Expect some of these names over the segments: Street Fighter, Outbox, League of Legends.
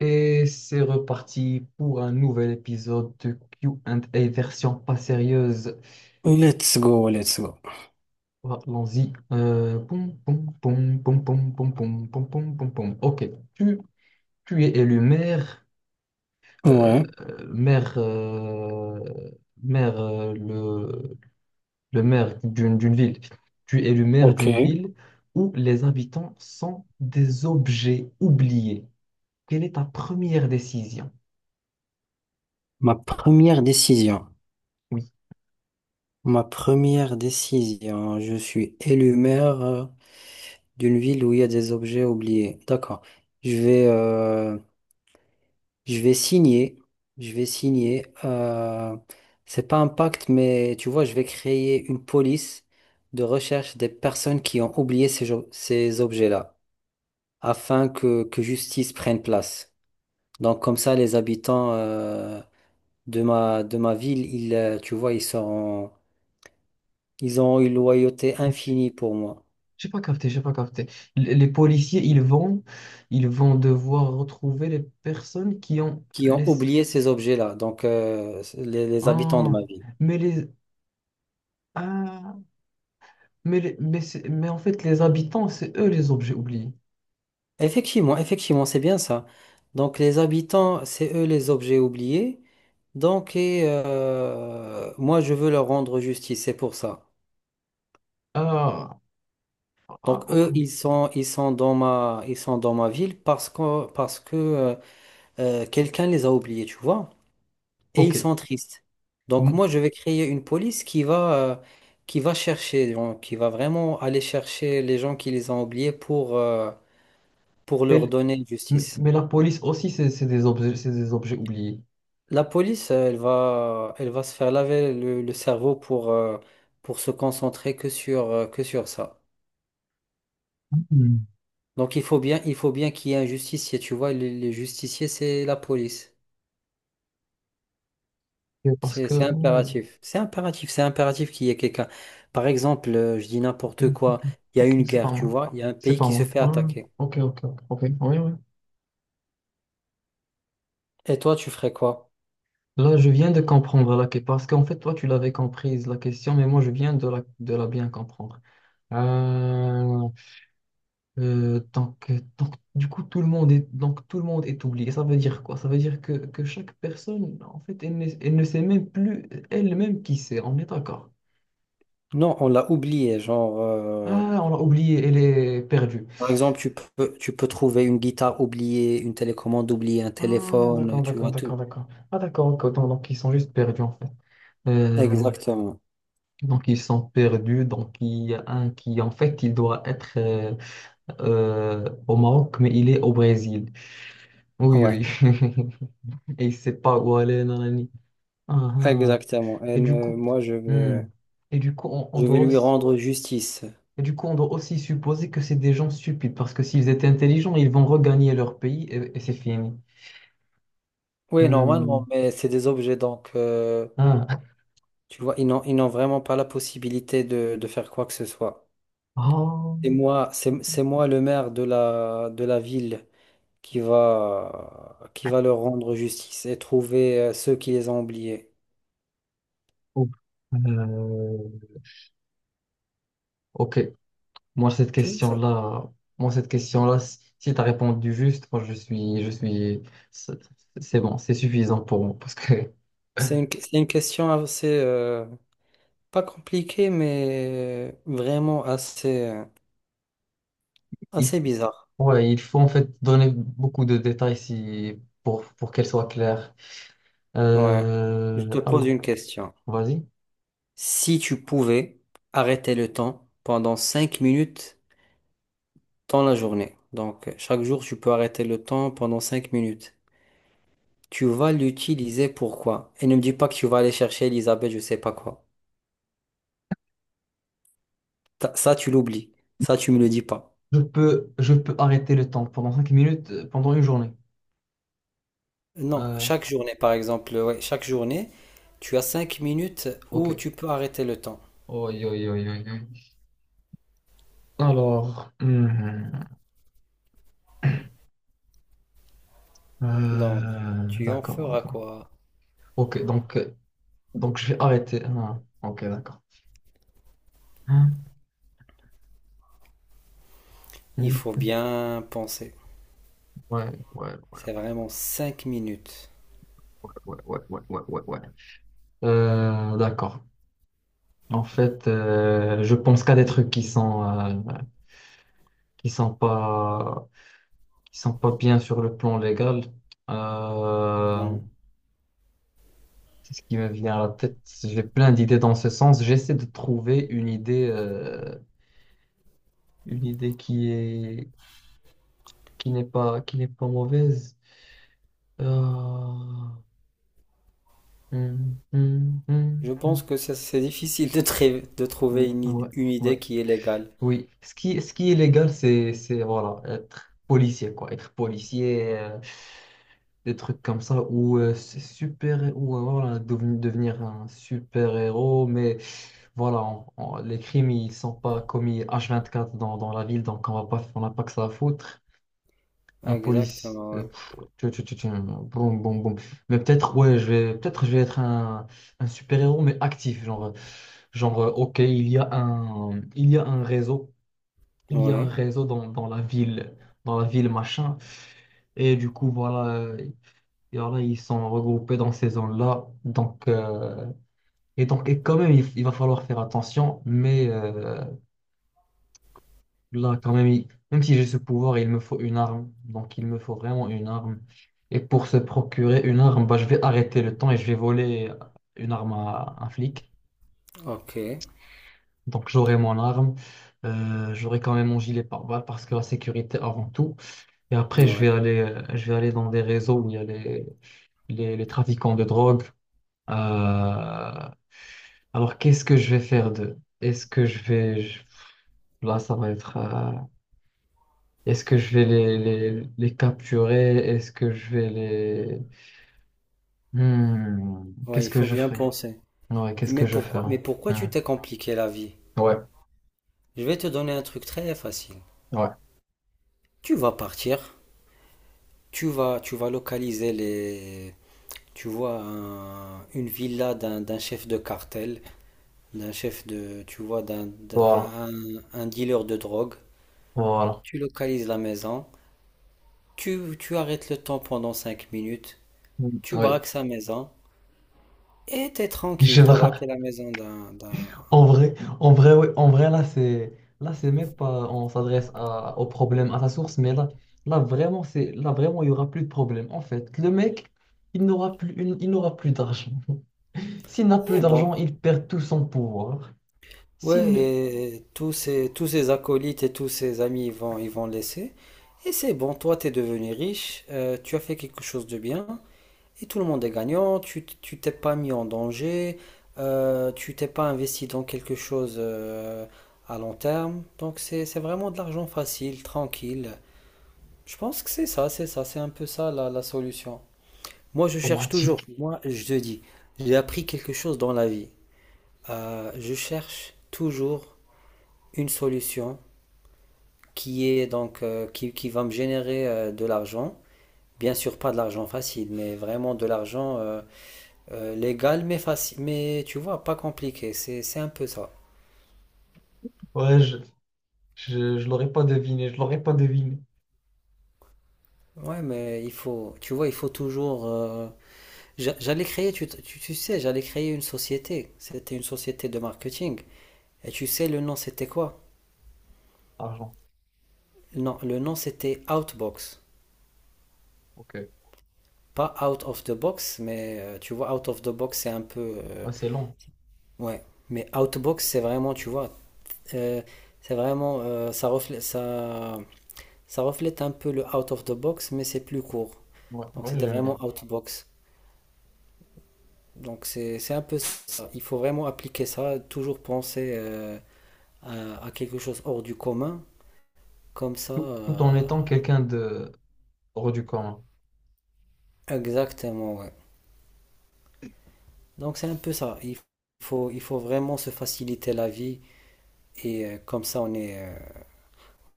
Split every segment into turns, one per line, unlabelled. Et c'est reparti pour un nouvel épisode de Q and A version pas sérieuse.
Let's go, let's go.
Voilà, allons-y. Pom pom pom pom pom pom pom pom pom, poum, poum. Ok, tu, tu es élu maire. euh,
Ouais,
maire, euh, maire euh, le, le maire d'une ville. Tu es élu maire d'une
ok.
ville où les habitants sont des objets oubliés. Quelle est ta première décision?
Ma première décision.
Oui.
Ma première décision. Je suis élu maire, d'une ville où il y a des objets oubliés. D'accord. Je vais, euh, je vais signer. Je vais signer. C'est pas un pacte, mais tu vois, je vais créer une police de recherche des personnes qui ont oublié ces objets-là, afin que justice prenne place. Donc comme ça, les habitants. De ma ville, tu vois, ils sont, ils ont une loyauté infinie pour moi,
J'ai pas capté. Les policiers, ils vont devoir retrouver les personnes qui ont
qui ont
les...
oublié ces objets-là, donc les habitants de
Ah,
ma ville.
mais les... Ah, mais en fait, les habitants, c'est eux les objets oubliés.
Effectivement, effectivement, c'est bien ça. Donc les habitants, c'est eux les objets oubliés. Donc et moi, je veux leur rendre justice, c'est pour ça.
Ah, ah,
Donc
ok,
eux, ils sont dans ma, ils sont dans ma ville parce que quelqu'un les a oubliés, tu vois, et
ok.
ils sont tristes. Donc
M-
moi, je vais créer une police qui va chercher, genre, qui va vraiment aller chercher les gens qui les ont oubliés pour leur
Mais,
donner justice.
mais la police aussi, c'est des objets oubliés.
La police, elle va se faire laver le cerveau pour se concentrer que sur ça.
Hmm.
Donc il faut bien qu'il y ait un justicier, tu vois, les justiciers, c'est la police.
Et parce
C'est
que...
c'est impératif. C'est impératif. C'est impératif qu'il y ait quelqu'un. Par exemple, je dis
ok,
n'importe
ok,
quoi. Il y a
ok,
une
c'est pas
guerre, tu
moi.
vois. Il y a un
C'est
pays
pas
qui se
moi.
fait
Ouais, ouais,
attaquer.
ok, ok, ok, ok. Oui, oui.
Et toi, tu ferais quoi?
Là, je viens de comprendre la question, parce qu'en fait, toi, tu l'avais comprise, la question, mais moi, je viens de de la bien comprendre. Euh, donc, du coup, tout le monde est, donc, tout le monde est oublié. Ça veut dire quoi? Ça veut dire que, chaque personne, en fait, elle ne sait même plus elle-même qui c'est. On est d'accord.
Non, on l'a oublié. Genre,
Ah, on l'a oublié, elle est perdue.
par exemple, tu peux trouver une guitare oubliée, une télécommande oubliée, un
Ah,
téléphone,
d'accord,
tu
d'accord,
vois
d'accord,
tout.
d'accord. Ah, d'accord, ok, autant, donc, ils sont juste perdus, en fait. Euh,
Exactement.
donc, ils sont perdus, donc, il y a un qui, en fait, au Maroc, mais il est au Brésil. Oui,
Ouais,
oui. Et il sait pas où aller, nanani. Ah, ah.
exactement. Et
Et du coup,
moi,
hmm. Et du coup, on
je vais
doit
lui
aussi,
rendre justice.
on doit aussi supposer que c'est des gens stupides, parce que s'ils étaient intelligents, ils vont regagner leur pays et c'est fini.
Oui,
Hmm.
normalement, mais c'est des objets, donc.
Ah.
Tu vois, ils n'ont vraiment pas la possibilité de faire quoi que ce soit.
Oh.
C'est moi le maire de la ville qui va leur rendre justice et trouver ceux qui les ont oubliés.
Oh. Euh, Ok. Moi, cette
Tu vois, ça,
question-là, Moi, cette question-là, si tu as répondu juste, je suis, c'est c'est bon, c'est suffisant pour moi, parce que...
c'est une question assez, pas compliquée, mais vraiment assez,
Il
assez bizarre.
faut, ouais, il faut en fait donner beaucoup de détails si, pour qu'elle soit claire.
Ouais. Je te pose
Allah,
une question.
vas-y.
Si tu pouvais arrêter le temps pendant 5 minutes, dans la journée. Donc, chaque jour, tu peux arrêter le temps pendant 5 minutes. Tu vas l'utiliser pourquoi? Et ne me dis pas que tu vas aller chercher Elisabeth, je sais pas quoi. Ça, tu l'oublies. Ça, tu me le dis pas.
Je peux arrêter le temps pendant 5 minutes, pendant une journée.
Non,
Euh,
chaque journée, par exemple, ouais, chaque journée, tu as 5 minutes où
ok.
tu peux arrêter le temps.
Oi, oi, oi, oi, oi. Alors,
Donc, tu en
d'accord,
feras
d'accord.
quoi?
Ok, donc je vais arrêter. Ah, ok, d'accord. Hum,
Il
hum,
faut bien penser.
ouais, ouais, ouais,
C'est vraiment 5 minutes.
ouais, ouais, ouais, ouais, ouais, ouais, ouais. D'accord. En fait, je pense qu'à des trucs qui sont pas qui sont pas bien sur le plan légal. Euh,
Mhm.
c'est ce qui me vient à la tête. J'ai plein d'idées dans ce sens. J'essaie de trouver une idée qui n'est pas qui n'est pas mauvaise. Euh, hum, hum,
Je
hum,
pense
hum,
que c'est difficile de trouver
ouais,
une idée
ouais,
qui est légale.
oui. Ce qui est légal, c'est voilà être policier quoi, être policier. Des trucs comme ça où c'est super où voilà, devenir un super-héros, mais voilà, les crimes ils sont pas commis H24 dans la ville, donc on n'a pas que ça à foutre. Un policier,
Exactement, ouais.
boum, boum, boum. Mais peut-être, peut-être je vais être un super-héros, mais actif, ok, il y a un réseau, il y a un
Ouais,
réseau dans la ville machin. Et du coup, voilà, et voilà, ils sont regroupés dans ces zones-là. Et donc, et quand même, il va falloir faire attention. Mais là, quand même, même si j'ai ce pouvoir, il me faut une arme. Donc, il me faut vraiment une arme. Et pour se procurer une arme, bah, je vais arrêter le temps et je vais voler une arme à un flic.
ok,
Donc, j'aurai mon arme. J'aurai quand même mon gilet pare-balles parce que la sécurité avant tout. Et après,
ouais,
je vais aller dans des réseaux où il y a les trafiquants de drogue. Euh, Alors, qu'est-ce que je vais faire d'eux? Est-ce que je vais... je- Là, ça va être... Est-ce que je vais les capturer? Est-ce que je vais les... Hmm,
ouais,
qu'est-ce
il
que
faut
je
bien
ferai?
penser.
Ouais, qu'est-ce que je ferai?
Mais pourquoi
Hmm,
tu t'es compliqué la vie?
ouais,
Je vais te donner un truc très facile.
ouais.
Tu vas partir, tu vas localiser les, tu vois, une villa d'un chef de cartel, d'un chef de, tu vois,
Voilà,
un dealer de drogue.
voilà.
Tu localises la maison, tu arrêtes le temps pendant 5 minutes,
Hmm,
tu
oui.
braques sa maison et t'es tranquille,
Je
t'as braqué
vois.
la maison d'un, d'un,
En vrai, en vrai, en vrai, là, c'est même pas, on s'adresse au problème, à sa source, mais là, vraiment, là, vraiment, il y aura plus de problème. En fait, le mec, il n'aura plus d'argent. S'il n'a plus
et bon,
d'argent, il perd tout son pouvoir. S'il
ouais,
ne,
et tous ces acolytes et tous ces amis, ils vont laisser. Et c'est bon, toi, t'es devenu riche, tu as fait quelque chose de bien, et tout le monde est gagnant, tu t'es pas mis en danger, tu t'es pas investi dans quelque chose à long terme. Donc c'est vraiment de l'argent facile, tranquille. Je pense que c'est ça, c'est ça, c'est un peu ça la, la solution. Moi, je cherche toujours,
automatique.
moi, je te dis, j'ai appris quelque chose dans la vie. Je cherche toujours une solution qui est donc qui va me générer de l'argent. Bien sûr, pas de l'argent facile, mais vraiment de l'argent légal, mais facile, mais tu vois, pas compliqué. C'est un peu ça.
Ouais, je l'aurais pas deviné, je l'aurais pas deviné.
Ouais, mais il faut, tu vois, il faut toujours. J'allais créer, tu sais, j'allais créer une société. C'était une société de marketing. Et tu sais, le nom, c'était quoi?
Argent.
Non, le nom, c'était Outbox.
Ok.
Pas Out of the Box, mais tu vois, Out of the Box, c'est un peu.
Ouais, c'est long.
Ouais. Mais Outbox, c'est vraiment, tu vois, Euh, c'est vraiment, ça reflète, ça reflète un peu le out of the box, mais c'est plus court.
Ouais,
Donc
ouais,
c'était
j'aime
vraiment
bien.
out box. Donc c'est un peu ça. Il faut vraiment appliquer ça, toujours penser à quelque chose hors du commun, comme ça.
Tout, tout en étant quelqu'un de hors du commun.
Exactement, ouais. Donc c'est un peu ça. Il faut vraiment se faciliter la vie et comme ça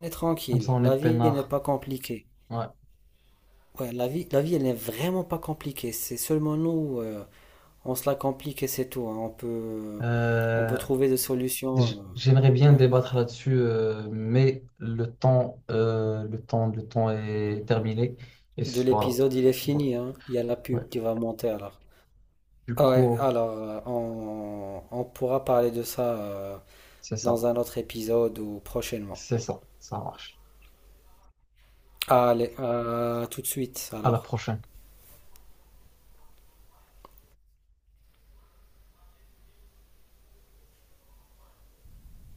on est
Comme
tranquille.
ça, on est
La vie elle n'est
peinard.
pas compliquée.
Ouais.
Ouais, la vie elle n'est vraiment pas compliquée. C'est seulement nous. On se la complique et c'est tout, hein. On peut
Euh,
trouver des solutions.
J'aimerais bien
Ouais.
débattre là-dessus, mais le temps, le temps est terminé.
De
Voilà.
l'épisode, il est
Ouais,
fini, hein. Il y a la
ouais.
pub qui va monter alors.
Du
Ah ouais,
coup,
alors on pourra parler de ça
c'est
dans
ça.
un autre épisode ou prochainement.
C'est ça. Ça marche.
Allez, à tout de suite
À la
alors.
prochaine.